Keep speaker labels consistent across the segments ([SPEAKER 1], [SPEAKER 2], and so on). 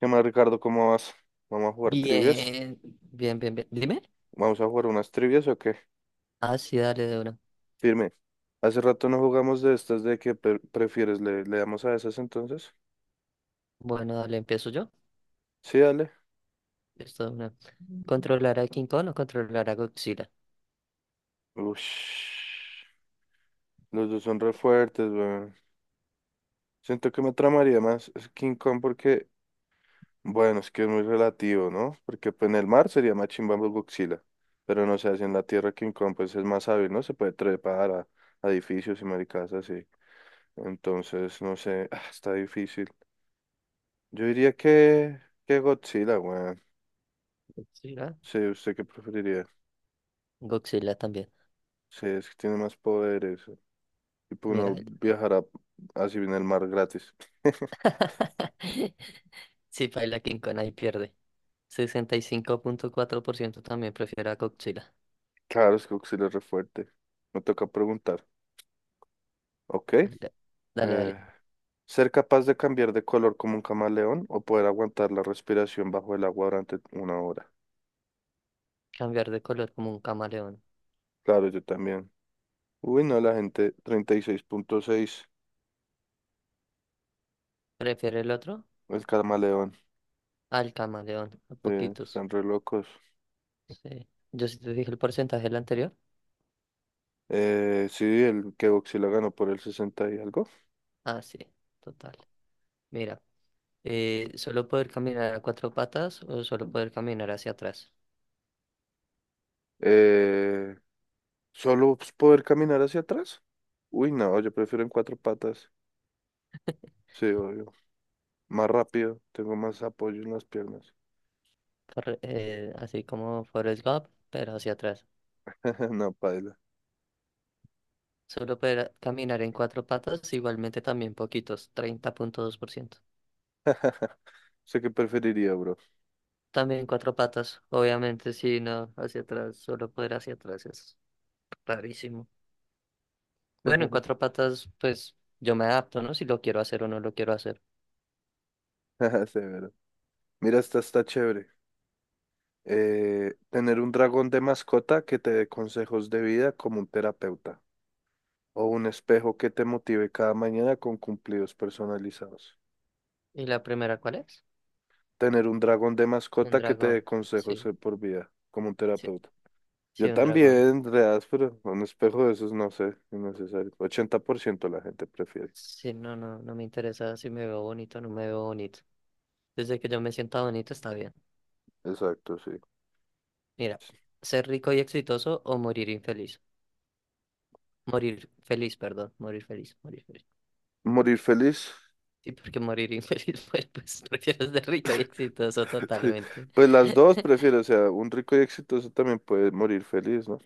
[SPEAKER 1] ¿Qué más, Ricardo? ¿Cómo vas? ¿Vamos a jugar trivias?
[SPEAKER 2] Bien, bien, bien, bien. Dime.
[SPEAKER 1] ¿Vamos a jugar unas trivias o qué?
[SPEAKER 2] Ah, sí, dale de una.
[SPEAKER 1] Firme. Hace rato no jugamos de estas, ¿de qué prefieres? ¿Le damos a esas entonces?
[SPEAKER 2] Bueno, dale, empiezo yo.
[SPEAKER 1] Sí, dale.
[SPEAKER 2] Esto de una. ¿Controlar a King Kong o controlar a Godzilla?
[SPEAKER 1] Ush. Los dos son re fuertes, weón. Siento que me tramaría más es King Kong porque, bueno, es que es muy relativo, ¿no? Porque pues, en el mar sería más chimba Godzilla. Pero no sé, así en la tierra King Kong pues es más hábil, ¿no? Se puede trepar a edificios y maricas así. Entonces, no sé, ah, está difícil. Yo diría que Godzilla, weón.
[SPEAKER 2] Godzilla.
[SPEAKER 1] Sí, ¿usted qué preferiría?
[SPEAKER 2] Godzilla también.
[SPEAKER 1] Sí, es que tiene más poderes. Y pues
[SPEAKER 2] Mira.
[SPEAKER 1] uno viajará así en el mar gratis.
[SPEAKER 2] Sí, baila King Kong ahí pierde. 65.4% también prefiere a Godzilla.
[SPEAKER 1] Claro, es que Godzilla es re fuerte. Me toca preguntar. Ok.
[SPEAKER 2] Dale, dale, dale.
[SPEAKER 1] eh, ¿Ser capaz de cambiar de color como un camaleón o poder aguantar la respiración bajo el agua durante una hora?
[SPEAKER 2] Cambiar de color como un camaleón.
[SPEAKER 1] Claro, yo también. Uy, no, la gente 36,6
[SPEAKER 2] ¿Prefiere el otro?
[SPEAKER 1] el camaleón.
[SPEAKER 2] Al camaleón. A poquitos.
[SPEAKER 1] Están re locos.
[SPEAKER 2] Sí. Yo sí te dije el porcentaje del anterior.
[SPEAKER 1] Sí, el que Godzilla ganó por el 60 y algo.
[SPEAKER 2] Ah, sí. Total. Mira. Solo poder caminar a cuatro patas o solo poder caminar hacia atrás.
[SPEAKER 1] Eh, Solo pues, poder caminar hacia atrás. Uy, no, yo prefiero en cuatro patas. Sí, obvio. Más rápido, tengo más apoyo en las piernas.
[SPEAKER 2] Así como Forrest Gump, pero hacia atrás.
[SPEAKER 1] No, paila.
[SPEAKER 2] Solo poder caminar en cuatro patas, igualmente también poquitos, 30.2%.
[SPEAKER 1] Sé qué preferiría, bro.
[SPEAKER 2] También cuatro patas, obviamente, sí, no, hacia atrás, solo poder hacia atrás es rarísimo. Bueno, en cuatro patas, pues yo me adapto, ¿no? Si lo quiero hacer o no lo quiero hacer.
[SPEAKER 1] Severo. Mira, esta está chévere. Tener un dragón de mascota que te dé consejos de vida como un terapeuta. O un espejo que te motive cada mañana con cumplidos personalizados.
[SPEAKER 2] ¿Y la primera cuál es?
[SPEAKER 1] Tener un dragón de
[SPEAKER 2] Un
[SPEAKER 1] mascota que te dé
[SPEAKER 2] dragón,
[SPEAKER 1] consejos
[SPEAKER 2] sí,
[SPEAKER 1] de por vida como un
[SPEAKER 2] sí,
[SPEAKER 1] terapeuta.
[SPEAKER 2] sí,
[SPEAKER 1] Yo
[SPEAKER 2] un dragón.
[SPEAKER 1] también, reas, pero un espejo de esos no sé, innecesario. 80% la gente prefiere.
[SPEAKER 2] Sí, no, no, no me interesa si me veo bonito o no me veo bonito. Desde que yo me sienta bonito está bien.
[SPEAKER 1] Exacto, sí.
[SPEAKER 2] Mira, ser rico y exitoso o morir infeliz. Morir feliz, perdón. Morir feliz, morir feliz.
[SPEAKER 1] Morir feliz.
[SPEAKER 2] Sí, porque morir infeliz, pues prefiero ser rico y exitoso totalmente.
[SPEAKER 1] Pues las dos prefiero, o sea, un rico y exitoso también puede morir feliz, ¿no?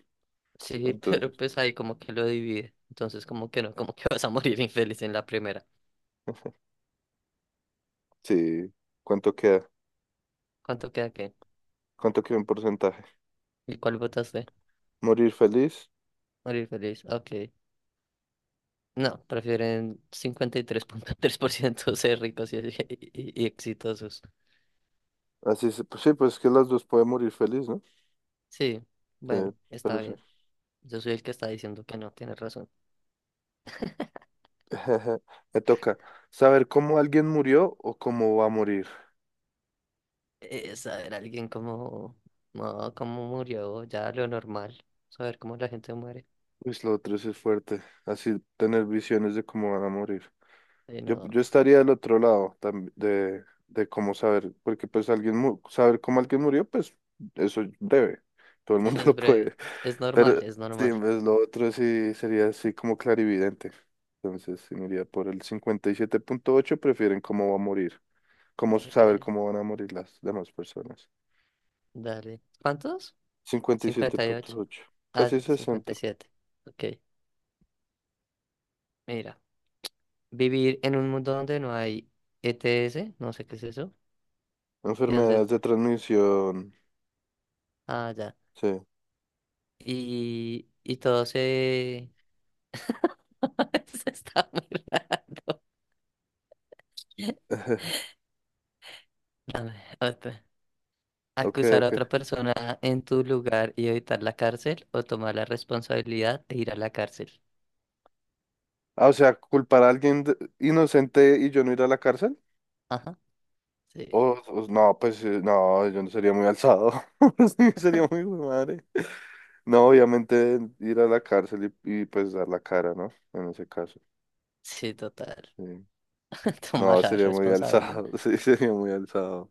[SPEAKER 2] Sí, pero
[SPEAKER 1] Entonces,
[SPEAKER 2] pues ahí como que lo divide. Entonces, como que no, como que vas a morir infeliz en la primera.
[SPEAKER 1] sí, ¿cuánto queda?
[SPEAKER 2] ¿Cuánto queda qué?
[SPEAKER 1] ¿Cuánto queda en porcentaje?
[SPEAKER 2] ¿Y cuál votaste?
[SPEAKER 1] Morir feliz.
[SPEAKER 2] Morir feliz, ok. No, prefieren cincuenta y tres punto tres por ciento ser ricos y exitosos.
[SPEAKER 1] Así se, pues sí, pues es que las dos pueden morir feliz, ¿no?
[SPEAKER 2] Sí,
[SPEAKER 1] Sí,
[SPEAKER 2] bueno,
[SPEAKER 1] pero
[SPEAKER 2] está
[SPEAKER 1] sí.
[SPEAKER 2] bien. Yo soy el que está diciendo que no, tienes razón.
[SPEAKER 1] Me toca saber cómo alguien murió o cómo va a morir.
[SPEAKER 2] Saber alguien cómo, no, cómo murió, ya lo normal. Saber cómo la gente muere.
[SPEAKER 1] Pues lo otro sí es fuerte, así tener visiones de cómo van a morir.
[SPEAKER 2] Eh,
[SPEAKER 1] Yo,
[SPEAKER 2] no,
[SPEAKER 1] yo estaría del otro lado de cómo saber, porque pues alguien saber cómo alguien murió, pues eso debe, todo el
[SPEAKER 2] sí,
[SPEAKER 1] mundo
[SPEAKER 2] es
[SPEAKER 1] lo
[SPEAKER 2] breve.
[SPEAKER 1] puede.
[SPEAKER 2] Es normal,
[SPEAKER 1] Pero
[SPEAKER 2] es
[SPEAKER 1] sí,
[SPEAKER 2] normal.
[SPEAKER 1] pues lo otro sí sería así como clarividente. Entonces, sí, me iría por el 57,8 prefieren cómo va a morir, cómo
[SPEAKER 2] Ok,
[SPEAKER 1] saber cómo van a morir las demás personas.
[SPEAKER 2] dale. ¿Cuántos?
[SPEAKER 1] cincuenta y siete
[SPEAKER 2] 58.
[SPEAKER 1] punto ocho
[SPEAKER 2] Ah,
[SPEAKER 1] casi
[SPEAKER 2] cincuenta
[SPEAKER 1] sesenta.
[SPEAKER 2] y siete Ok, mira. Vivir en un mundo donde no hay ETS, no sé qué es eso, y donde...
[SPEAKER 1] Enfermedades de transmisión,
[SPEAKER 2] Ah, ya.
[SPEAKER 1] sí.
[SPEAKER 2] Y todo se... se está mirando. Dame otra.
[SPEAKER 1] Ok,
[SPEAKER 2] Acusar a otra
[SPEAKER 1] ok.
[SPEAKER 2] persona en tu lugar y evitar la cárcel o tomar la responsabilidad de ir a la cárcel.
[SPEAKER 1] Ah, o sea, culpar a alguien inocente y yo no ir a la cárcel.
[SPEAKER 2] Ajá, sí,
[SPEAKER 1] No, pues no, yo no sería muy alzado. Sí, sería muy hijo de madre. No, obviamente ir a la cárcel pues dar la cara, ¿no? En ese caso.
[SPEAKER 2] sí, total.
[SPEAKER 1] Sí. No,
[SPEAKER 2] Tomar la
[SPEAKER 1] sería muy
[SPEAKER 2] responsabilidad.
[SPEAKER 1] alzado. Sí, sería muy alzado.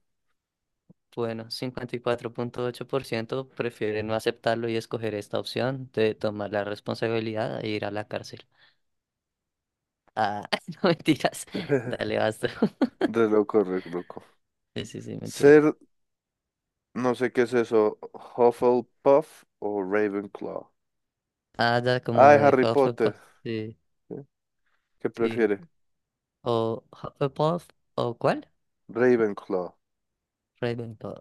[SPEAKER 2] Bueno, 54.8% prefieren no aceptarlo y escoger esta opción de tomar la responsabilidad e ir a la cárcel. Ah, no mentiras. Dale, basta.
[SPEAKER 1] Re loco, re loco.
[SPEAKER 2] Sí, sí, sí, mentiras.
[SPEAKER 1] Ser, no sé qué es eso, Hufflepuff o Ravenclaw.
[SPEAKER 2] Ah, ya, como
[SPEAKER 1] Ay,
[SPEAKER 2] de
[SPEAKER 1] Harry Potter.
[SPEAKER 2] Hufflepuff, sí,
[SPEAKER 1] ¿Sí? ¿Qué
[SPEAKER 2] sí.
[SPEAKER 1] prefiere?
[SPEAKER 2] O Hufflepuff, ¿o cuál?
[SPEAKER 1] Ravenclaw.
[SPEAKER 2] Ravenclaw,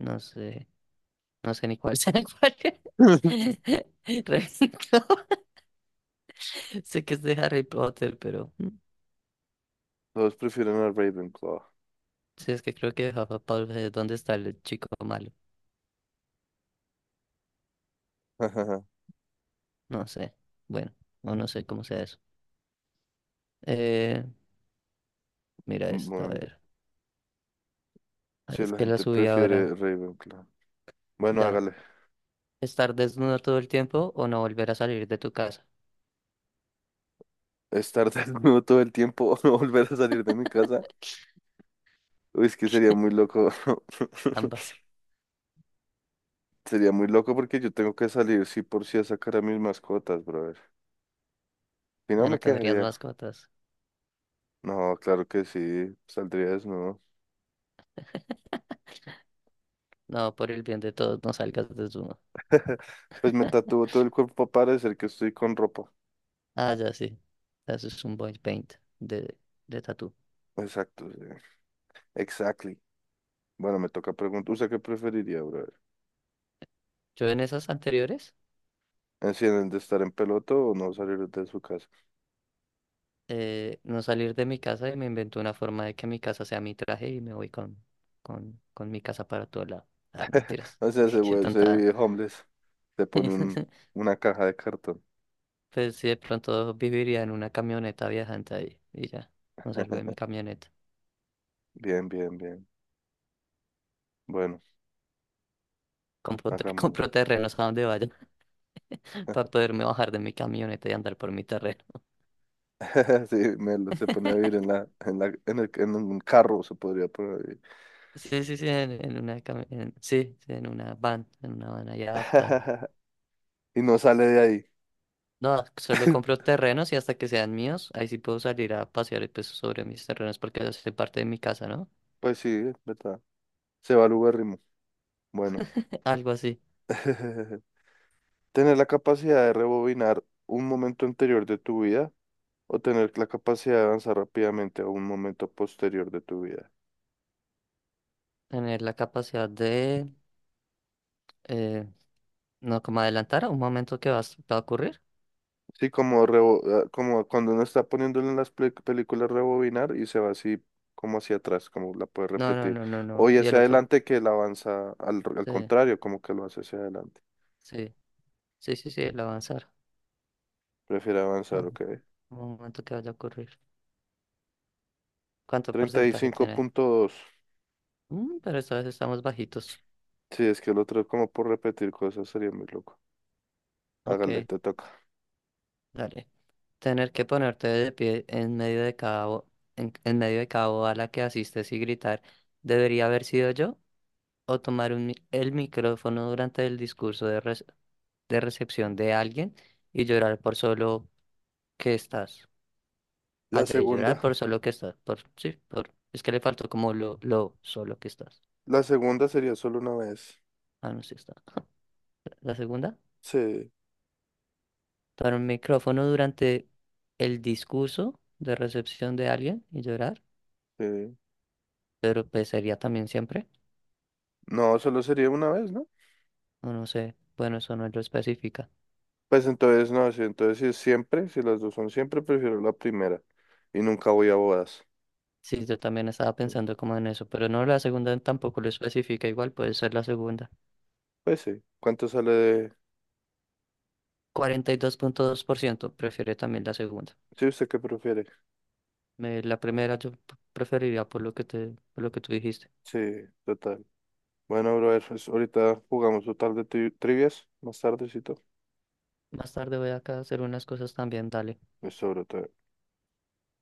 [SPEAKER 2] no sé, no sé ni cuál sea cuál. Ravenclaw, sé que es de Harry Potter, pero
[SPEAKER 1] Todos prefieren a Ravenclaw.
[SPEAKER 2] sí, es que creo que Hufflepuff es donde está el chico malo, no sé, bueno, o no sé cómo sea eso. Eh, mira esta, a
[SPEAKER 1] Bueno,
[SPEAKER 2] ver. Ay,
[SPEAKER 1] sí,
[SPEAKER 2] es
[SPEAKER 1] la
[SPEAKER 2] que la
[SPEAKER 1] gente
[SPEAKER 2] subí
[SPEAKER 1] prefiere
[SPEAKER 2] ahora,
[SPEAKER 1] Ravenclaw. Bueno,
[SPEAKER 2] ya.
[SPEAKER 1] hágale.
[SPEAKER 2] ¿Estar desnudo todo el tiempo o no volver a salir de tu casa?
[SPEAKER 1] Estar desnudo todo el tiempo o no volver a salir de mi casa. Uy, es que sería muy loco.
[SPEAKER 2] Ambas,
[SPEAKER 1] Sería muy loco porque yo tengo que salir sí por sí a sacar a mis mascotas, brother. Si no
[SPEAKER 2] ya
[SPEAKER 1] me
[SPEAKER 2] no tendrías
[SPEAKER 1] quedaría.
[SPEAKER 2] mascotas.
[SPEAKER 1] No, claro que sí. Saldría desnudo.
[SPEAKER 2] No, por el bien de todos, no salgas desnudo.
[SPEAKER 1] Pues me tatúo todo el cuerpo para parecer que estoy con ropa.
[SPEAKER 2] Ah, ya sí. Eso es un body paint de, de tatú.
[SPEAKER 1] Exacto, sí. Exactly. Bueno, me toca preguntar. ¿Usted qué preferiría, brother?
[SPEAKER 2] Yo en esas anteriores,
[SPEAKER 1] Deciden de estar en peloto o no salir de su casa.
[SPEAKER 2] no salir de mi casa y me invento una forma de que mi casa sea mi traje y me voy con mi casa para todo lado. Ah, no mentiras.
[SPEAKER 1] O sea,
[SPEAKER 2] Qué,
[SPEAKER 1] se
[SPEAKER 2] qué
[SPEAKER 1] vuelve, se
[SPEAKER 2] tontada.
[SPEAKER 1] vive homeless. Se pone una caja de cartón.
[SPEAKER 2] Pues sí, de pronto viviría en una camioneta viajante ahí y ya. No salgo de mi camioneta.
[SPEAKER 1] Bien, bien, bien. Bueno, hagámosle.
[SPEAKER 2] Compro terrenos a donde vaya para poderme bajar de mi camioneta y andar por mi terreno.
[SPEAKER 1] Sí, me se pone a vivir en la, en la, en el- en un carro se podría poner a vivir.
[SPEAKER 2] Sí, sí, sí, en una, cami- en- sí, sí, en una van ahí adaptada.
[SPEAKER 1] Y no sale de ahí.
[SPEAKER 2] No, solo compro terrenos y hasta que sean míos, ahí sí puedo salir a pasear y, pues, sobre mis terrenos porque ya soy parte de mi casa, ¿no?
[SPEAKER 1] Pues sí, es ¿verdad? Se va al uberrimo. Bueno.
[SPEAKER 2] Algo así.
[SPEAKER 1] Tener la capacidad de rebobinar un momento anterior de tu vida o tener la capacidad de avanzar rápidamente a un momento posterior de tu vida.
[SPEAKER 2] Tener la capacidad de, eh, no, como adelantar a un momento que va, va a ocurrir.
[SPEAKER 1] Sí, como, ah, como cuando uno está poniéndole en las películas rebobinar y se va así como hacia atrás, como la puede
[SPEAKER 2] No, no,
[SPEAKER 1] repetir.
[SPEAKER 2] no, no,
[SPEAKER 1] O
[SPEAKER 2] no.
[SPEAKER 1] ya
[SPEAKER 2] Y el
[SPEAKER 1] hacia
[SPEAKER 2] otro,
[SPEAKER 1] adelante que la avanza al
[SPEAKER 2] sí,
[SPEAKER 1] contrario, como que lo hace hacia adelante.
[SPEAKER 2] sí, sí, sí, sí, el avanzar.
[SPEAKER 1] Prefiere avanzar,
[SPEAKER 2] Ah,
[SPEAKER 1] ok.
[SPEAKER 2] un momento que vaya a ocurrir. ¿Cuánto porcentaje tiene?
[SPEAKER 1] 35,2.
[SPEAKER 2] Pero esta vez estamos bajitos.
[SPEAKER 1] Sí, es que el otro es como por repetir cosas sería muy loco.
[SPEAKER 2] Ok,
[SPEAKER 1] Hágale, te toca.
[SPEAKER 2] dale. Tener que ponerte de pie en medio de cada boda a la que asistes y gritar, ¿debería haber sido yo? O tomar el micrófono durante el discurso de recepción de alguien y llorar por solo que estás.
[SPEAKER 1] La
[SPEAKER 2] Allá y llorar
[SPEAKER 1] segunda.
[SPEAKER 2] por solo que estás. Sí, es que le faltó como lo solo que estás.
[SPEAKER 1] La segunda sería solo una vez.
[SPEAKER 2] Ah, no, sí está. La segunda,
[SPEAKER 1] Sí,
[SPEAKER 2] tomar un micrófono durante el discurso de recepción de alguien y llorar,
[SPEAKER 1] sí.
[SPEAKER 2] pero pues sería también siempre.
[SPEAKER 1] No, solo sería una vez, ¿no?
[SPEAKER 2] O no sé. Bueno, eso no lo especifica.
[SPEAKER 1] Pues entonces no, sí, entonces si es siempre, si las dos son siempre, prefiero la primera y nunca voy a bodas.
[SPEAKER 2] Sí, yo también estaba pensando como en eso, pero no, la segunda tampoco lo especifica, igual puede ser la segunda.
[SPEAKER 1] Pues sí, ¿cuánto sale de...?
[SPEAKER 2] Cuarenta y dos punto dos por ciento prefiere también la segunda.
[SPEAKER 1] Sí, ¿usted qué prefiere?
[SPEAKER 2] La primera yo preferiría por lo que te, por lo que tú dijiste.
[SPEAKER 1] Sí, total. Bueno, brother, pues ahorita jugamos total de trivias, más tardecito.
[SPEAKER 2] Más tarde voy acá a hacer unas cosas también, dale.
[SPEAKER 1] Eso, brother.